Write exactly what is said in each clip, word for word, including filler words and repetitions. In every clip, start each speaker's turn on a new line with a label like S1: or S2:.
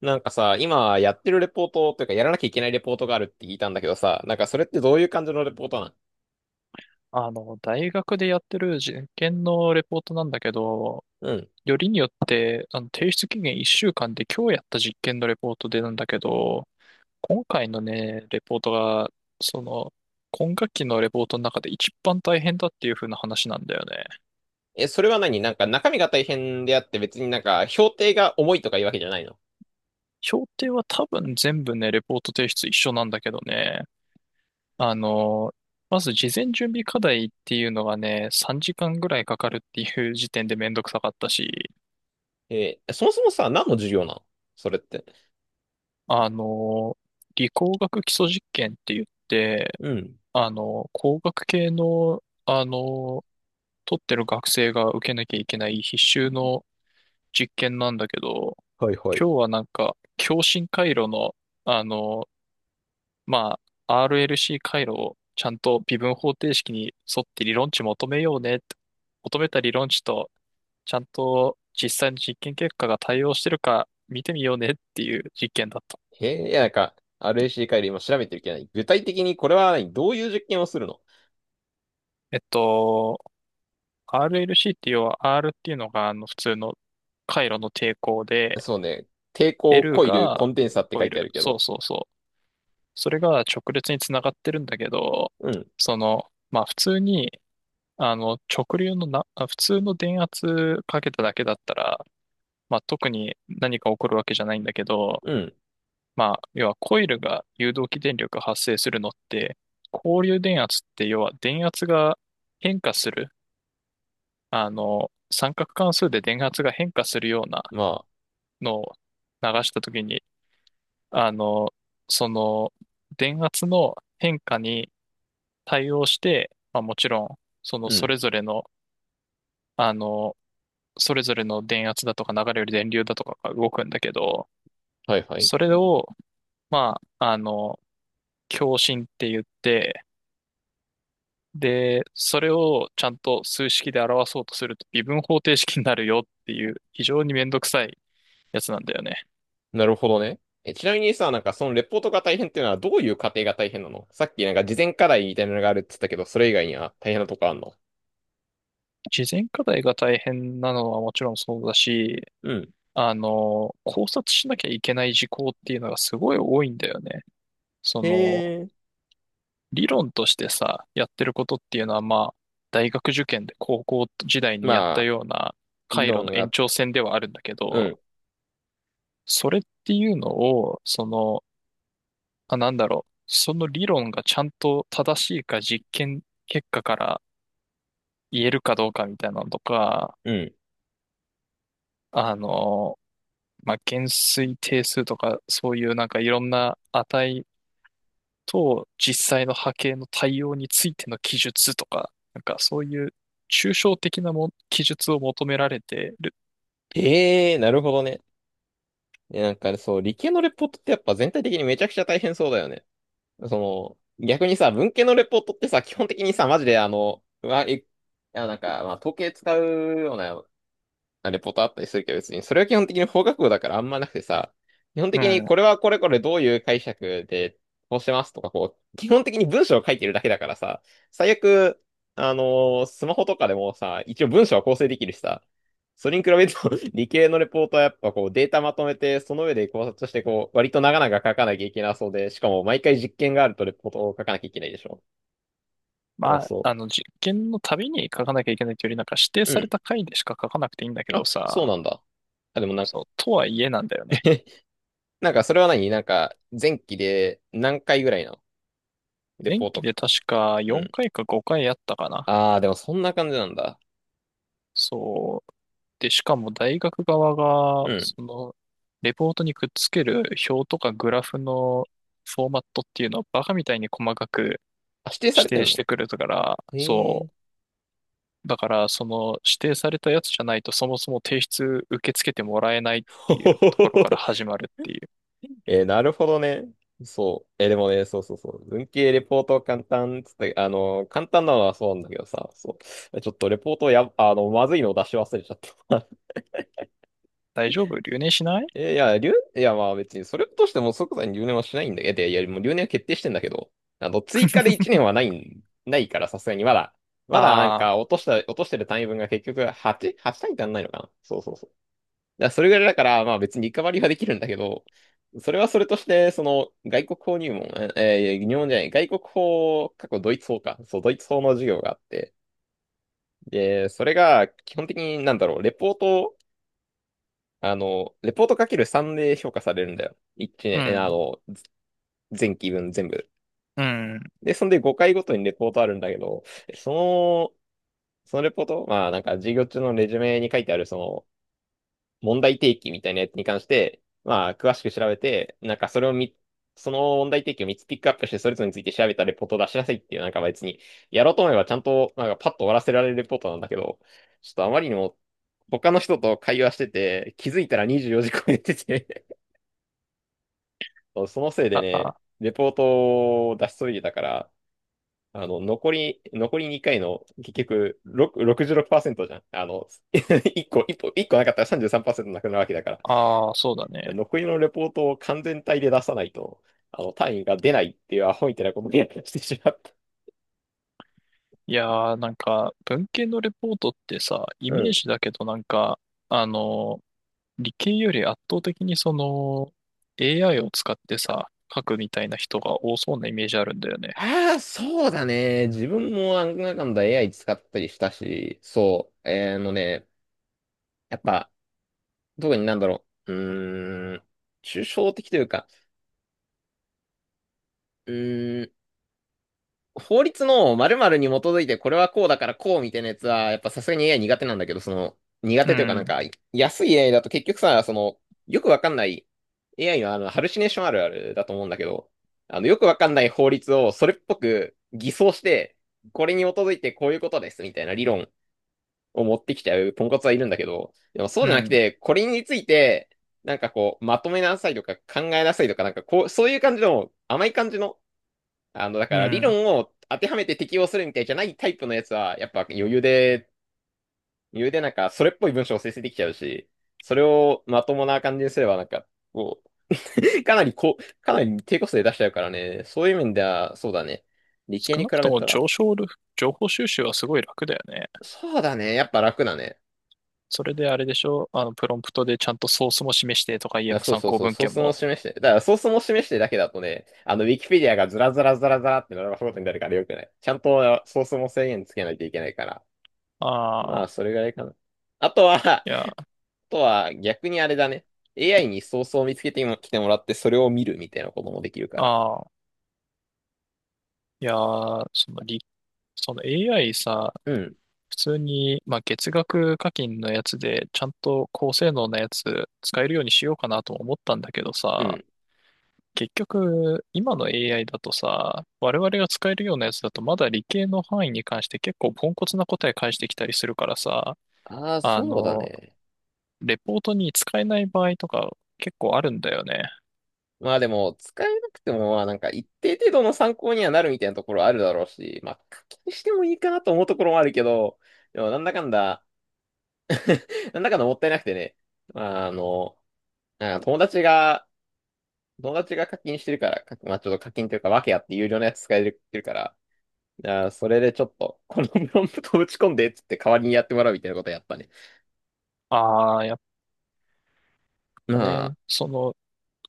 S1: なんかさ、今やってるレポートというかやらなきゃいけないレポートがあるって聞いたんだけどさ、なんかそれってどういう感じのレポートなん？
S2: あの、大学でやってる実験のレポートなんだけど、
S1: うん。
S2: よりによって、あの、提出期限いっしゅうかんで今日やった実験のレポートでなんだけど、今回のね、レポートが、その、今学期のレポートの中で一番大変だっていう風な話なんだよね。
S1: え、それは何、なんか中身が大変であって別になんか評定が重いとかいうわけじゃないの？
S2: 評定は多分全部ね、レポート提出一緒なんだけどね、あの、まず事前準備課題っていうのがね、さんじかんぐらいかかるっていう時点でめんどくさかったし、
S1: えーそもそもさ、何の授業なの、それって？
S2: あの、理工学基礎実験って言って、
S1: うん。
S2: あの、工学系の、あの、取ってる学生が受けなきゃいけない必修の実験なんだけど、
S1: はいはい。
S2: 今日はなんか、共振回路の、あの、まあ、アールエルシー 回路をちゃんと微分方程式に沿って理論値求めようねって、求めた理論値と、ちゃんと実際の実験結果が対応してるか見てみようねっていう実験だった。
S1: えーいや、なんか アールエーシー 回路今調べてるけどない、具体的にこれは何、どういう実験をするの？
S2: えっと、アールエルシー って要は R っていうのがあの普通の回路の抵抗で、
S1: そうね。抵抗
S2: L
S1: コイルコ
S2: が
S1: ンデンサって
S2: コ
S1: 書
S2: イ
S1: いてあ
S2: ル。
S1: るけ
S2: そう
S1: ど。
S2: そうそう。それが直列につながってるんだけど、
S1: うん。
S2: その、まあ普通に、あの直流のな、あ普通の電圧かけただけだったら、まあ特に何か起こるわけじゃないんだけど、
S1: うん。
S2: まあ要はコイルが誘導起電力発生するのって、交流電圧って要は電圧が変化する、あの三角関数で電圧が変化するような
S1: まあ。
S2: のを流したときに、あの、その電圧の変化に対応して、まあ、もちろん、その
S1: う
S2: そ
S1: ん。
S2: れぞれの、あの、それぞれの電圧だとか流れる電流だとかが動くんだけど、
S1: はいはい。
S2: それを、まあ、あの、共振って言って、で、それをちゃんと数式で表そうとすると微分方程式になるよっていう非常にめんどくさいやつなんだよね。
S1: なるほどね。え、ちなみにさ、なんかそのレポートが大変っていうのはどういう過程が大変なの？さっきなんか事前課題みたいなのがあるって言ったけど、それ以外には大変なとこあんの？
S2: 事前課題が大変なのはもちろんそうだし、
S1: うん。
S2: あの、考察しなきゃいけない事項っていうのがすごい多いんだよね。その、
S1: へえ。
S2: 理論としてさ、やってることっていうのは、まあ、大学受験で高校時代にやった
S1: まあ、
S2: ような
S1: 理
S2: 回路の
S1: 論
S2: 延
S1: が、
S2: 長線ではあるんだけ
S1: う
S2: ど、
S1: ん、
S2: それっていうのを、その、あ、なんだろう、その理論がちゃんと正しいか実験結果から言えるかどうかみたいなのとか、
S1: うん。
S2: あの、まあ、減衰定数とか、そういうなんかいろんな値と実際の波形の対応についての記述とか、なんかそういう抽象的なも記述を求められてる。
S1: へえ、なるほどね。え、なんかそう、理系のレポートってやっぱ全体的にめちゃくちゃ大変そうだよね。その、逆にさ、文系のレポートってさ、基本的にさ、マジであの、うわ、え、あ、なんか、まあ、統計使うようなレポートあったりするけど、別に、それは基本的に法学部だからあんまなくてさ、基本
S2: う
S1: 的に
S2: ん。
S1: これはこれこれどういう解釈でこうしてますとか、こう、基本的に文章を書いてるだけだからさ、最悪、あのースマホとかでもさ、一応文章は構成できるしさ、それに比べると 理系のレポートはやっぱこうデータまとめて、その上で考察してこう、割と長々書かなきゃいけなそうで、しかも毎回実験があるとレポートを書かなきゃいけないでしょ。だから
S2: まあ、
S1: そ
S2: あの実験のたびに書かなきゃいけないというより、なんか指定
S1: う。う
S2: され
S1: ん。
S2: た回でしか書かなくていいんだけ
S1: あ、
S2: ど
S1: そう
S2: さ、
S1: なんだ。あ、でもなんか。
S2: そう、とはいえなんだよね。
S1: なんかそれは何、なんか前期で何回ぐらいのレ
S2: 前
S1: ポー
S2: 期
S1: ト
S2: で
S1: か？
S2: 確か
S1: う
S2: 4
S1: ん。
S2: 回かごかいやったかな。
S1: ああ、でもそんな感じなんだ。
S2: そう。で、しかも大学側が、
S1: うん。
S2: その、レポートにくっつける表とかグラフのフォーマットっていうのをバカみたいに細かく
S1: あ、指定さ
S2: 指
S1: れて
S2: 定
S1: ん
S2: し
S1: の？
S2: てくるから、
S1: へ
S2: そ
S1: え。
S2: う。だから、その指定されたやつじゃないとそもそも提出受け付けてもらえないっ て
S1: ほ
S2: い
S1: ほ
S2: う
S1: ほ
S2: と
S1: ほ
S2: ころから
S1: ほ。
S2: 始まるっていう。
S1: えー、なるほどね。そう。えー、でもね、そうそうそう。文系レポート簡単っつって、あのー、簡単なのはそうなんだけどさ、そう。ちょっとレポートや、あの、まずいの出し忘れちゃった。
S2: 大丈夫、留年しない？
S1: えいや、留、いや、まあ別に、それとしても即座に留年はしないんだけど、いや、もう留年は決定してんだけど、あの、追加でいちねんはないん、ないから、さすがに、まだ、まだなん
S2: あ
S1: か、
S2: あ
S1: 落とした、落としてる単位分が結局8、はち単位足んないのかな。そうそうそう。だからそれぐらいだから、まあ別にリカバリーはできるんだけど、それはそれとして、その、外国法入門、ええー、入門じゃない、外国法、過去ドイツ法か。そう、ドイツ法の授業があって、で、それが、基本的になんだろう、レポート、あの、レポートかけるさんで評価されるんだよ。いちねん、えあ
S2: ー、
S1: の、前期分全部。
S2: うん、うん。
S1: で、そんでごかいごとにレポートあるんだけど、その、そのレポート、まあなんか授業中のレジュメに書いてあるその問題提起みたいなやつに関して、まあ詳しく調べて、なんかそれをみ、その問題提起をみっつピックアップしてそれぞれについて調べたレポートを出しなさいっていう、なんか別に、やろうと思えばちゃんとなんかパッと終わらせられるレポートなんだけど、ちょっとあまりにも他の人と会話してて、気づいたらにじゅうよじ超えてて、そのせいで
S2: あ
S1: ね、
S2: あ、
S1: レポートを出し急いでたから、あの、残り、残りにかいの、結局、6 ろくじゅうろくパーセントじゅうろくパーセントじゃん。あの、1個、一個、一個なかったらさんじゅうさんパーセントなくなるわけだか
S2: ああ、そうだ
S1: ら。
S2: ね。
S1: 残りのレポートを完全体で出さないと、あの、単位が出ないっていうアホみたいなことをやしてしまった。
S2: いやー、なんか、文系のレポートってさ、イ
S1: う
S2: メー
S1: ん。
S2: ジだけどなんか、あの、理系より圧倒的にその エーアイ を使ってさ、書くみたいな人が多そうなイメージあるんだよね。
S1: ああ、そうだね。自分もなんだかんだ エーアイ 使ったりしたし、そう。えーあのね、やっぱ、特になんだろう。うーん、抽象的というか、うー法律の〇〇に基づいてこれはこうだからこうみたいなやつは、やっぱさすがに エーアイ 苦手なんだけど、その、苦
S2: う
S1: 手というかなん
S2: ん、
S1: か、安い エーアイ だと結局さ、その、よくわかんない エーアイ のあの、ハルシネーションあるあるだと思うんだけど、あの、よくわかんない法律をそれっぽく偽装して、これに基づいてこういうことですみたいな理論を持ってきちゃうポンコツはいるんだけど、でもそう
S2: う
S1: じゃなく
S2: ん、
S1: て、これについて、なんかこう、まとめなさいとか考えなさいとか、なんかこう、そういう感じの甘い感じのあの、だか
S2: う
S1: ら理
S2: ん。
S1: 論を当てはめて適用するみたいじゃないタイプのやつは、やっぱ余裕で、余裕でなんかそれっぽい文章を生成できちゃうし、それをまともな感じにすればなんか、こう、かなりこう、かなり低コストで出しちゃうからね。そういう面では、そうだね。理系
S2: 少
S1: に
S2: な
S1: 比
S2: くと
S1: べ
S2: も
S1: たら、
S2: 上昇る、情報収集はすごい楽だよね。
S1: そうだね。やっぱ楽だね。
S2: それであれでしょ、あの、プロンプトでちゃんとソースも示してとか言え
S1: あ
S2: ば
S1: そう
S2: 参
S1: そう
S2: 考
S1: そう、
S2: 文
S1: ソー
S2: 献
S1: スも
S2: も。
S1: 示して。だからソースも示してだけだとね、あの、ウィキペディアがずらずらずらずらって並ばすことになるからよくない。ちゃんとソースも制限つけないといけないから。
S2: あ
S1: ま
S2: あ、
S1: あ、それぐらいかな。あとは
S2: いや、
S1: とは逆にあれだね。エーアイ にソースを見つけても来てもらって、それを見るみたいなこともできるから。
S2: ああ、いやー、その理、その エーアイ さ、
S1: うん、
S2: 普通に、まあ、月額課金のやつで、ちゃんと高性能なやつ使えるようにしようかなとも思ったんだけど
S1: う
S2: さ、
S1: ん。
S2: 結局、今の エーアイ だとさ、我々が使えるようなやつだと、まだ理系の範囲に関して結構ポンコツな答え返してきたりするからさ、
S1: ああ、
S2: あ
S1: そうだ
S2: の、
S1: ね。
S2: レポートに使えない場合とか結構あるんだよね。
S1: まあでも、使えなくても、まあなんか一定程度の参考にはなるみたいなところあるだろうし、まあ課金してもいいかなと思うところもあるけど、でもなんだかんだ、なんだかんだもったいなくてね、まああの、あ友達が、友達が課金してるから、かまあちょっと課金というか、訳あって有料のやつ使えてるから、あーそれでちょっと、このプロンプトを打ち込んでっつって代わりにやってもらうみたいなことやったね。
S2: ああ、やっ
S1: ま
S2: ぱね、
S1: あ、
S2: その、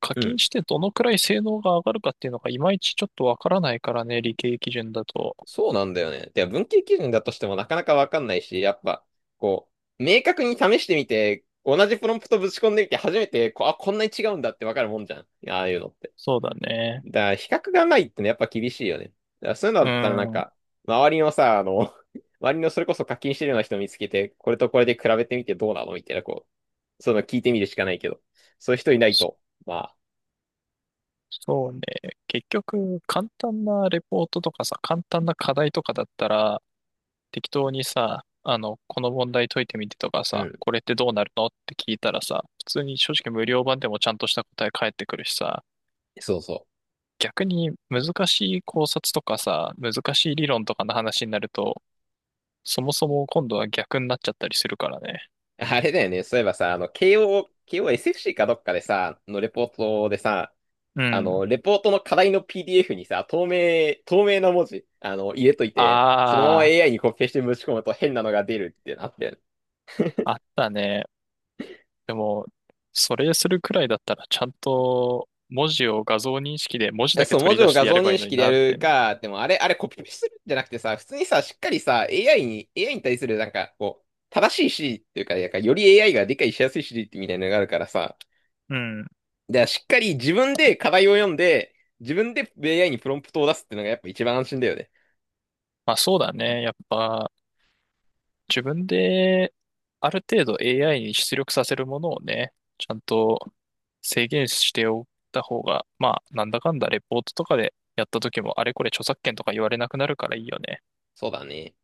S2: 課
S1: う
S2: 金
S1: ん、
S2: してどのくらい性能が上がるかっていうのがいまいちちょっとわからないからね、理系基準だと。
S1: そうなんだよね。で、文系基準だとしてもなかなかわかんないし、やっぱ、こう、明確に試してみて、同じプロンプトぶち込んでみて、初めて、こう、あ、こんなに違うんだってわかるもんじゃん。ああいうのって。
S2: そうだね。
S1: だから、比較がないってねやっぱ厳しいよね。だからそういうのだ
S2: う
S1: ったらなん
S2: ん。
S1: か、周りのさ、あの、周りのそれこそ課金してるような人見つけて、これとこれで比べてみてどうなのみたいな、こう、そういうの聞いてみるしかないけど、そういう人いない
S2: そ
S1: と、まあ、
S2: そうね。結局、簡単なレポートとかさ、簡単な課題とかだったら、適当にさ、あの、この問題解いてみてとか
S1: う
S2: さ、
S1: ん、
S2: これってどうなるのって聞いたらさ、普通に正直無料版でもちゃんとした答え返ってくるしさ、
S1: そうそう。
S2: 逆に難しい考察とかさ、難しい理論とかの話になると、そもそも今度は逆になっちゃったりするからね。
S1: あれだよね。そういえばさ、あの、慶応、慶応 エスエフシー かどっかでさ、のレポートでさ、
S2: う
S1: あ
S2: ん。
S1: の、レポートの課題の ピーディーエフ にさ、透明、透明な文字、あの、入れといて、そのまま
S2: あ
S1: エーアイ にコピペしてぶち込むと変なのが出るってなってる。
S2: あ、あったね。でも、それするくらいだったら、ちゃんと文字を画像認識で文字
S1: え、
S2: だけ
S1: そう、
S2: 取
S1: 文
S2: り
S1: 字
S2: 出
S1: を
S2: して
S1: 画
S2: や
S1: 像
S2: ればい
S1: 認
S2: いのに
S1: 識でや
S2: なって
S1: る
S2: ね。
S1: か、でもあれ、あれコピペするんじゃなくてさ、普通にさ、しっかりさ、AI に、エーアイ に対するなんか、こう、正しい指示っていうか、なんかより エーアイ が理解しやすい指示ってみたいなのがあるからさ、
S2: うん。
S1: じゃあ、しっかり自分で課題を読んで、自分で エーアイ にプロンプトを出すっていうのがやっぱ一番安心だよね。
S2: まあそうだね。やっぱ、自分である程度 エーアイ に出力させるものをね、ちゃんと制限しておった方が、まあなんだかんだレポートとかでやった時もあれこれ著作権とか言われなくなるからいいよね。
S1: そうだね。